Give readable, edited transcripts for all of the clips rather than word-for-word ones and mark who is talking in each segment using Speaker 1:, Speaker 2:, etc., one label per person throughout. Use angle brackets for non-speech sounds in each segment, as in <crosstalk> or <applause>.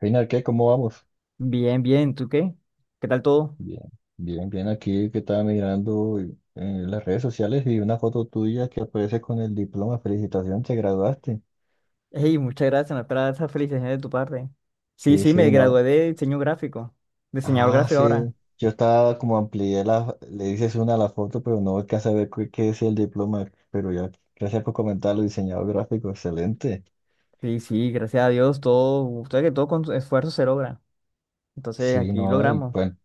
Speaker 1: Final, ¿qué? ¿Cómo vamos?
Speaker 2: Bien, bien, ¿tú qué? ¿Qué tal todo?
Speaker 1: Bien, bien, bien. Aquí que estaba mirando, en las redes sociales y una foto tuya que aparece con el diploma. Felicitaciones, te graduaste.
Speaker 2: Hey, muchas gracias, me espera esa felicitación de tu parte. Sí,
Speaker 1: Sí,
Speaker 2: sí, me
Speaker 1: sí, no.
Speaker 2: gradué de diseño gráfico, diseñador
Speaker 1: Ah,
Speaker 2: gráfico ahora.
Speaker 1: sí. Yo estaba como amplié la, le dices una a la foto, pero no alcanza a ver qué es el diploma. Pero ya, gracias por comentarlo, diseñador gráfico, excelente.
Speaker 2: Sí, sí, gracias a Dios, todo, usted que todo con esfuerzo se logra. Entonces,
Speaker 1: Sí,
Speaker 2: aquí
Speaker 1: no,
Speaker 2: logramos.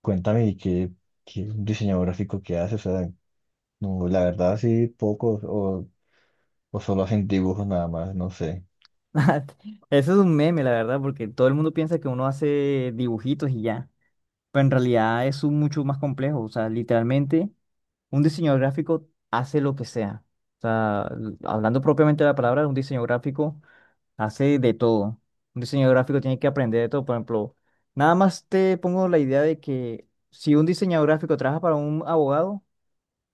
Speaker 1: cuéntame, qué diseñador gráfico que hace? O sea, no, la verdad sí, o solo hacen dibujos nada más, no sé.
Speaker 2: <laughs> Eso es un meme, la verdad, porque todo el mundo piensa que uno hace dibujitos y ya. Pero en realidad es un mucho más complejo. O sea, literalmente, un diseñador gráfico hace lo que sea. O sea, hablando propiamente de la palabra, un diseño gráfico. Hace de todo. Un diseñador gráfico tiene que aprender de todo. Por ejemplo, nada más te pongo la idea de que si un diseñador gráfico trabaja para un abogado,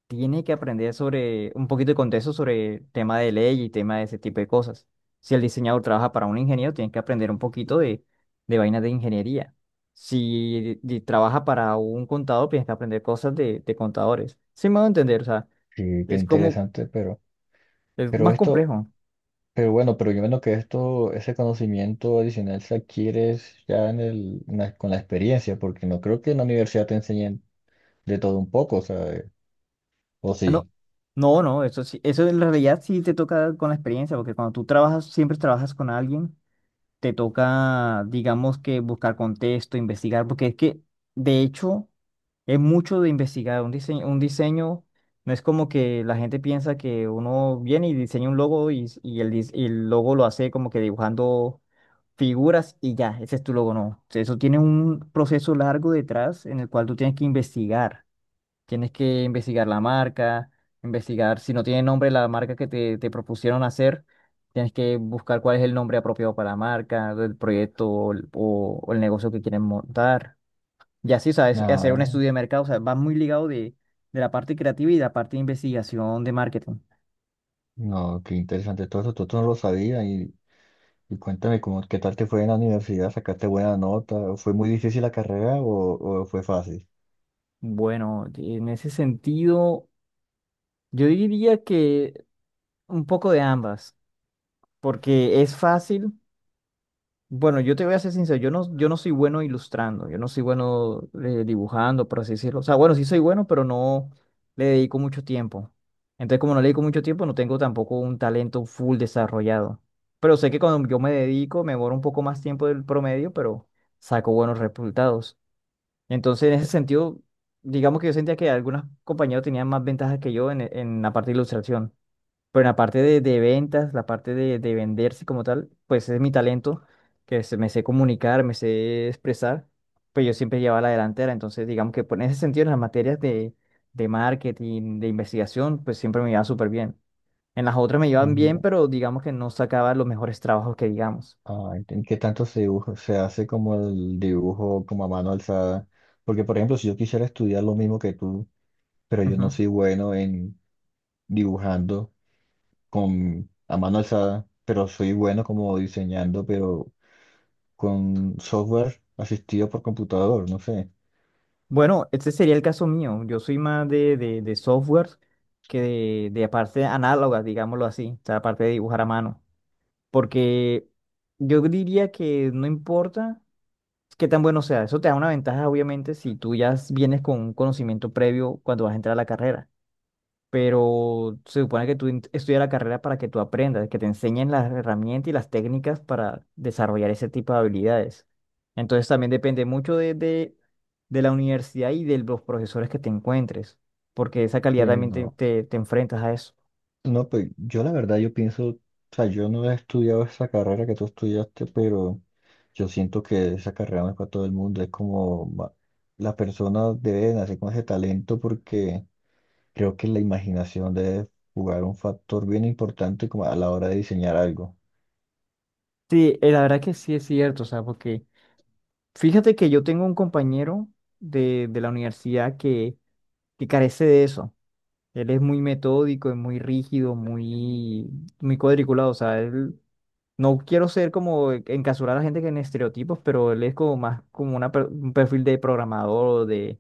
Speaker 2: tiene que aprender sobre un poquito de contexto sobre tema de ley y tema de ese tipo de cosas. Si el diseñador trabaja para un ingeniero, tiene que aprender un poquito de vainas de ingeniería. Si trabaja para un contador, tienes que aprender cosas de contadores. Sí me voy a entender, o sea,
Speaker 1: Sí, qué
Speaker 2: es como,
Speaker 1: interesante,
Speaker 2: es
Speaker 1: pero
Speaker 2: más
Speaker 1: esto,
Speaker 2: complejo.
Speaker 1: pero bueno, pero yo menos que esto, ese conocimiento adicional se adquiere es ya en el, en la- con la experiencia, porque no creo que en la universidad te enseñen de todo un poco, o sea, o
Speaker 2: Ah, no,
Speaker 1: sí.
Speaker 2: no, no, eso sí, eso en realidad sí te toca con la experiencia, porque cuando tú trabajas, siempre trabajas con alguien, te toca, digamos que buscar contexto, investigar, porque es que, de hecho, es mucho de investigar. Un diseño no es como que la gente piensa que uno viene y diseña un logo y, y el logo lo hace como que dibujando figuras y ya, ese es tu logo, no. Eso tiene un proceso largo detrás en el cual tú tienes que investigar. Tienes que investigar la marca, investigar si no tiene nombre la marca que te propusieron hacer, tienes que buscar cuál es el nombre apropiado para la marca, del proyecto o el negocio que quieren montar. Y así, o sea, es hacer un
Speaker 1: No,
Speaker 2: estudio de mercado, o sea, va muy ligado de la parte creativa y la parte de investigación de marketing.
Speaker 1: no, qué interesante todo esto no lo sabía, y cuéntame cómo, qué tal te fue en la universidad, sacaste buena nota, ¿fue muy difícil la carrera o fue fácil?
Speaker 2: Bueno, en ese sentido, yo diría que un poco de ambas, porque es fácil. Bueno, yo te voy a ser sincero, yo no soy bueno ilustrando, yo no soy bueno dibujando, por así decirlo. O sea, bueno, sí soy bueno, pero no le dedico mucho tiempo. Entonces, como no le dedico mucho tiempo, no tengo tampoco un talento full desarrollado. Pero sé que cuando yo me dedico, me demoro un poco más tiempo del promedio, pero saco buenos resultados. Entonces, en ese sentido, digamos que yo sentía que algunos compañeros tenían más ventajas que yo en la parte de ilustración. Pero en la parte de ventas, la parte de venderse como tal, pues es mi talento, que me sé comunicar, me sé expresar, pues yo siempre llevaba la delantera. Entonces, digamos que pues, en ese sentido, en las materias de marketing, de investigación, pues siempre me iba súper bien. En las otras me iban bien, pero digamos que no sacaba los mejores trabajos que digamos.
Speaker 1: ¿En qué tanto se dibuja? Se hace como el dibujo como a mano alzada. Porque, por ejemplo, si yo quisiera estudiar lo mismo que tú, pero yo no
Speaker 2: Ujú.
Speaker 1: soy bueno en dibujando con a mano alzada, pero soy bueno como diseñando, pero con software asistido por computador, no sé.
Speaker 2: Bueno, este sería el caso mío. Yo soy más de software que de parte análoga, digámoslo así, o sea, la parte de dibujar a mano. Porque yo diría que no importa qué tan bueno sea, eso te da una ventaja, obviamente, si tú ya vienes con un conocimiento previo cuando vas a entrar a la carrera. Pero se supone que estudias la carrera para que tú aprendas, que te enseñen las herramientas y las técnicas para desarrollar ese tipo de habilidades. Entonces también depende mucho de la universidad y de los profesores que te encuentres, porque esa
Speaker 1: Sí,
Speaker 2: calidad también te,
Speaker 1: no.
Speaker 2: te te enfrentas a eso.
Speaker 1: No, pues yo la verdad yo pienso, o sea, yo no he estudiado esa carrera que tú estudiaste, pero yo siento que esa carrera no es para todo el mundo, las personas deben hacer con ese talento porque creo que la imaginación debe jugar un factor bien importante como a la hora de diseñar algo.
Speaker 2: Sí, la verdad que sí es cierto, o sea, porque fíjate que yo tengo un compañero de la universidad que carece de eso. Él es muy metódico, es muy rígido, muy, muy cuadriculado. O sea, él, no quiero ser como encasurar a la gente que en estereotipos, pero él es como más como una un perfil de programador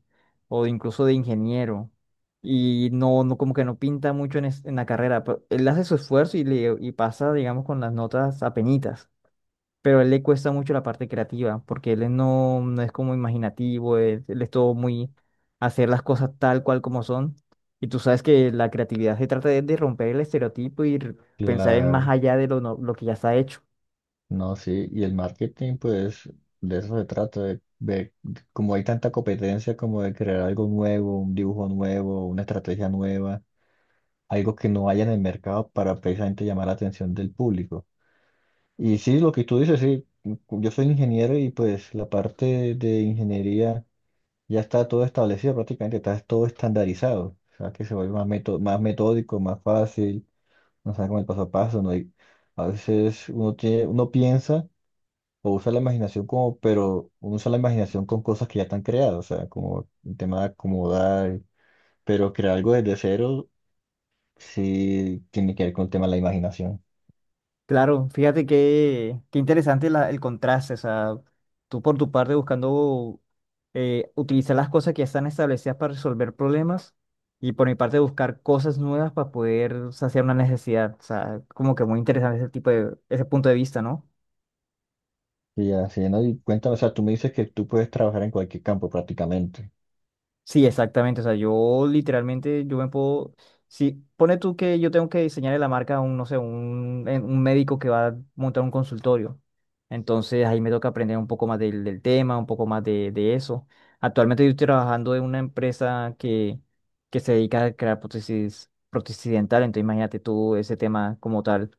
Speaker 2: o de incluso de ingeniero. Y no, no, como que no pinta mucho en, en la carrera. Pero él hace su esfuerzo y, y pasa, digamos, con las notas apenitas, pero a él le cuesta mucho la parte creativa, porque él es no, no es como imaginativo, él es todo muy hacer las cosas tal cual como son. Y tú sabes que la creatividad se trata de romper el estereotipo y pensar en más
Speaker 1: Claro,
Speaker 2: allá de lo, lo que ya está hecho.
Speaker 1: no, sí, y el marketing pues de eso se trata, como hay tanta competencia como de crear algo nuevo, un dibujo nuevo, una estrategia nueva, algo que no haya en el mercado para precisamente llamar la atención del público. Y sí, lo que tú dices, sí, yo soy ingeniero y pues la parte de ingeniería ya está todo establecido prácticamente, está todo estandarizado, o sea que se vuelve más metódico, más fácil, no sabe con el paso a paso, ¿no? Y a veces uno tiene, uno piensa o usa la imaginación como, pero uno usa la imaginación con cosas que ya están creadas, o sea, como el tema de acomodar, pero crear algo desde cero sí tiene que ver con el tema de la imaginación.
Speaker 2: Claro, fíjate que qué interesante el contraste, o sea, tú por tu parte buscando utilizar las cosas que ya están establecidas para resolver problemas y por mi parte buscar cosas nuevas para poder saciar una necesidad, o sea, como que muy interesante ese tipo de, ese punto de vista, ¿no?
Speaker 1: Y así, ¿no? Y cuéntame, o sea, tú me dices que tú puedes trabajar en cualquier campo prácticamente.
Speaker 2: Sí, exactamente. O sea, yo literalmente, yo me puedo, si pone tú que yo tengo que diseñarle la marca a un, no sé, un, un médico que va a montar un consultorio. Entonces ahí me toca aprender un poco más del tema, un poco más de eso. Actualmente yo estoy trabajando en una empresa que se dedica a crear prótesis, prótesis dental. Entonces imagínate tú ese tema como tal,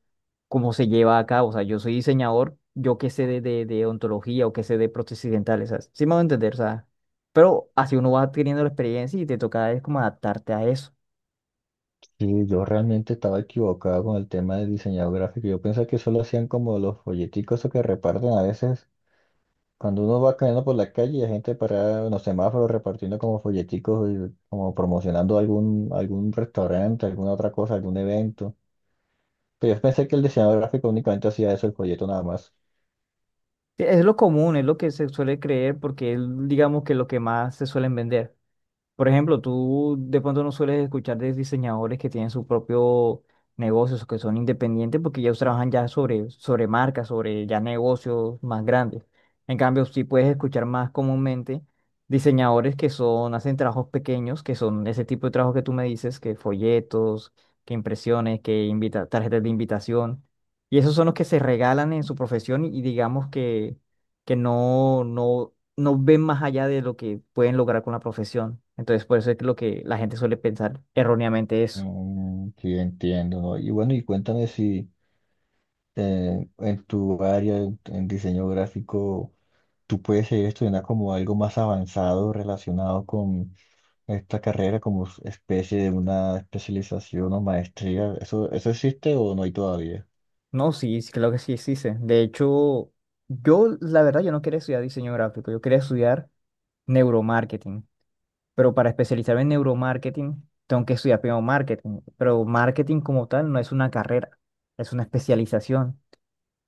Speaker 2: cómo se lleva a cabo. O sea, yo soy diseñador, yo qué sé de odontología o qué sé de prótesis dentales. O sí me voy a entender, o sea. Pero así uno va adquiriendo la experiencia y te toca es como adaptarte a eso.
Speaker 1: Sí, yo realmente estaba equivocado con el tema de diseñador gráfico. Yo pensaba que solo hacían como los folleticos esos que reparten a veces. Cuando uno va caminando por la calle y hay gente parada en los semáforos repartiendo como folleticos, y como promocionando algún restaurante, alguna otra cosa, algún evento. Pero yo pensé que el diseñador gráfico únicamente hacía eso, el folleto nada más.
Speaker 2: Sí, es lo común, es lo que se suele creer porque es, digamos, que lo que más se suelen vender. Por ejemplo, tú de pronto no sueles escuchar de diseñadores que tienen su propio negocios, o que son independientes, porque ellos trabajan ya sobre, sobre marcas, sobre ya negocios más grandes. En cambio, sí puedes escuchar más comúnmente diseñadores que son, hacen trabajos pequeños, que son ese tipo de trabajo que tú me dices, que folletos, que impresiones, que invita, tarjetas de invitación. Y esos son los que se regalan en su profesión y digamos que no, no, no ven más allá de lo que pueden lograr con la profesión. Entonces, por eso es que lo que la gente suele pensar erróneamente eso.
Speaker 1: Mm, sí, entiendo, ¿no? Y bueno, y cuéntame si... en tu área, en diseño gráfico, tú puedes seguir estudiando como algo más avanzado relacionado con esta carrera, como especie de una especialización o maestría. ¿Eso existe o no hay todavía?
Speaker 2: No, sí, sí, claro que sí existe. De hecho, yo, la verdad, yo no quería estudiar diseño gráfico, yo quería estudiar neuromarketing. Pero para especializarme en neuromarketing, tengo que estudiar primero marketing. Pero marketing como tal no es una carrera, es una especialización.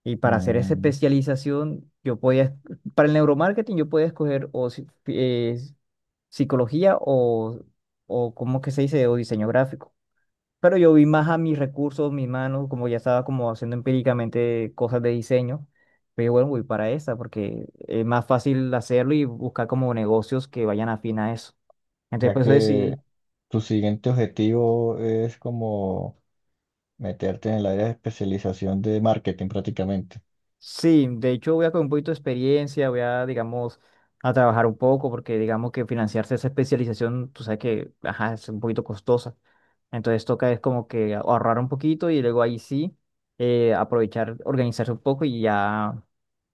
Speaker 2: Y para hacer esa
Speaker 1: Mm,
Speaker 2: especialización, yo podía, para el neuromarketing, yo podía escoger o psicología o ¿cómo que se dice? O diseño gráfico. Pero yo vi más a mis recursos, mis manos, como ya estaba como haciendo empíricamente cosas de diseño. Pero bueno, voy para esa porque es más fácil hacerlo y buscar como negocios que vayan afín a eso. Entonces,
Speaker 1: ya
Speaker 2: por eso
Speaker 1: que
Speaker 2: decidí.
Speaker 1: tu siguiente objetivo es como meterte en el área de especialización de marketing prácticamente.
Speaker 2: Sí, de hecho voy a con un poquito de experiencia, voy a, digamos, a trabajar un poco porque digamos que financiarse esa especialización, tú sabes que, ajá, es un poquito costosa. Entonces toca es como que ahorrar un poquito y luego ahí sí aprovechar, organizarse un poco y ya,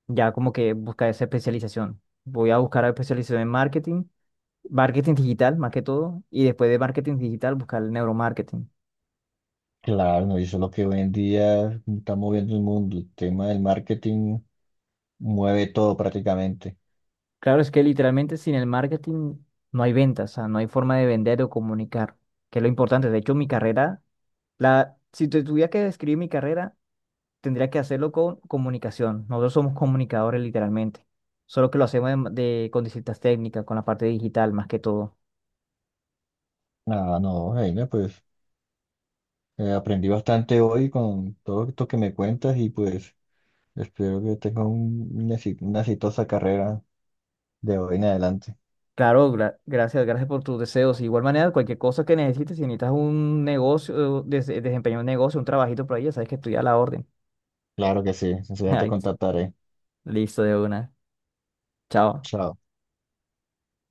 Speaker 2: ya como que buscar esa especialización. Voy a buscar la especialización en marketing, marketing digital más que todo, y después de marketing digital buscar el neuromarketing.
Speaker 1: Claro, no, y eso es lo que hoy en día está moviendo el mundo. El tema del marketing mueve todo prácticamente.
Speaker 2: Claro, es que literalmente sin el marketing no hay ventas, o sea, no hay forma de vender o comunicar, que es lo importante. De hecho, mi carrera, la, si te tuviera que describir mi carrera, tendría que hacerlo con comunicación. Nosotros somos comunicadores literalmente, solo que lo hacemos de, con distintas técnicas, con la parte digital más que todo.
Speaker 1: Ah, no, Jaime, pues aprendí bastante hoy con todo esto que me cuentas y pues espero que tengas una exitosa carrera de hoy en adelante.
Speaker 2: Claro, gracias, gracias por tus deseos. De igual manera, cualquier cosa que necesites, si necesitas un negocio, desempeñar un negocio, un trabajito por ahí, ya sabes que estoy a la orden.
Speaker 1: Claro que sí,
Speaker 2: <laughs>
Speaker 1: enseguida te
Speaker 2: Ay,
Speaker 1: contactaré.
Speaker 2: listo de una. Chao.
Speaker 1: Chao.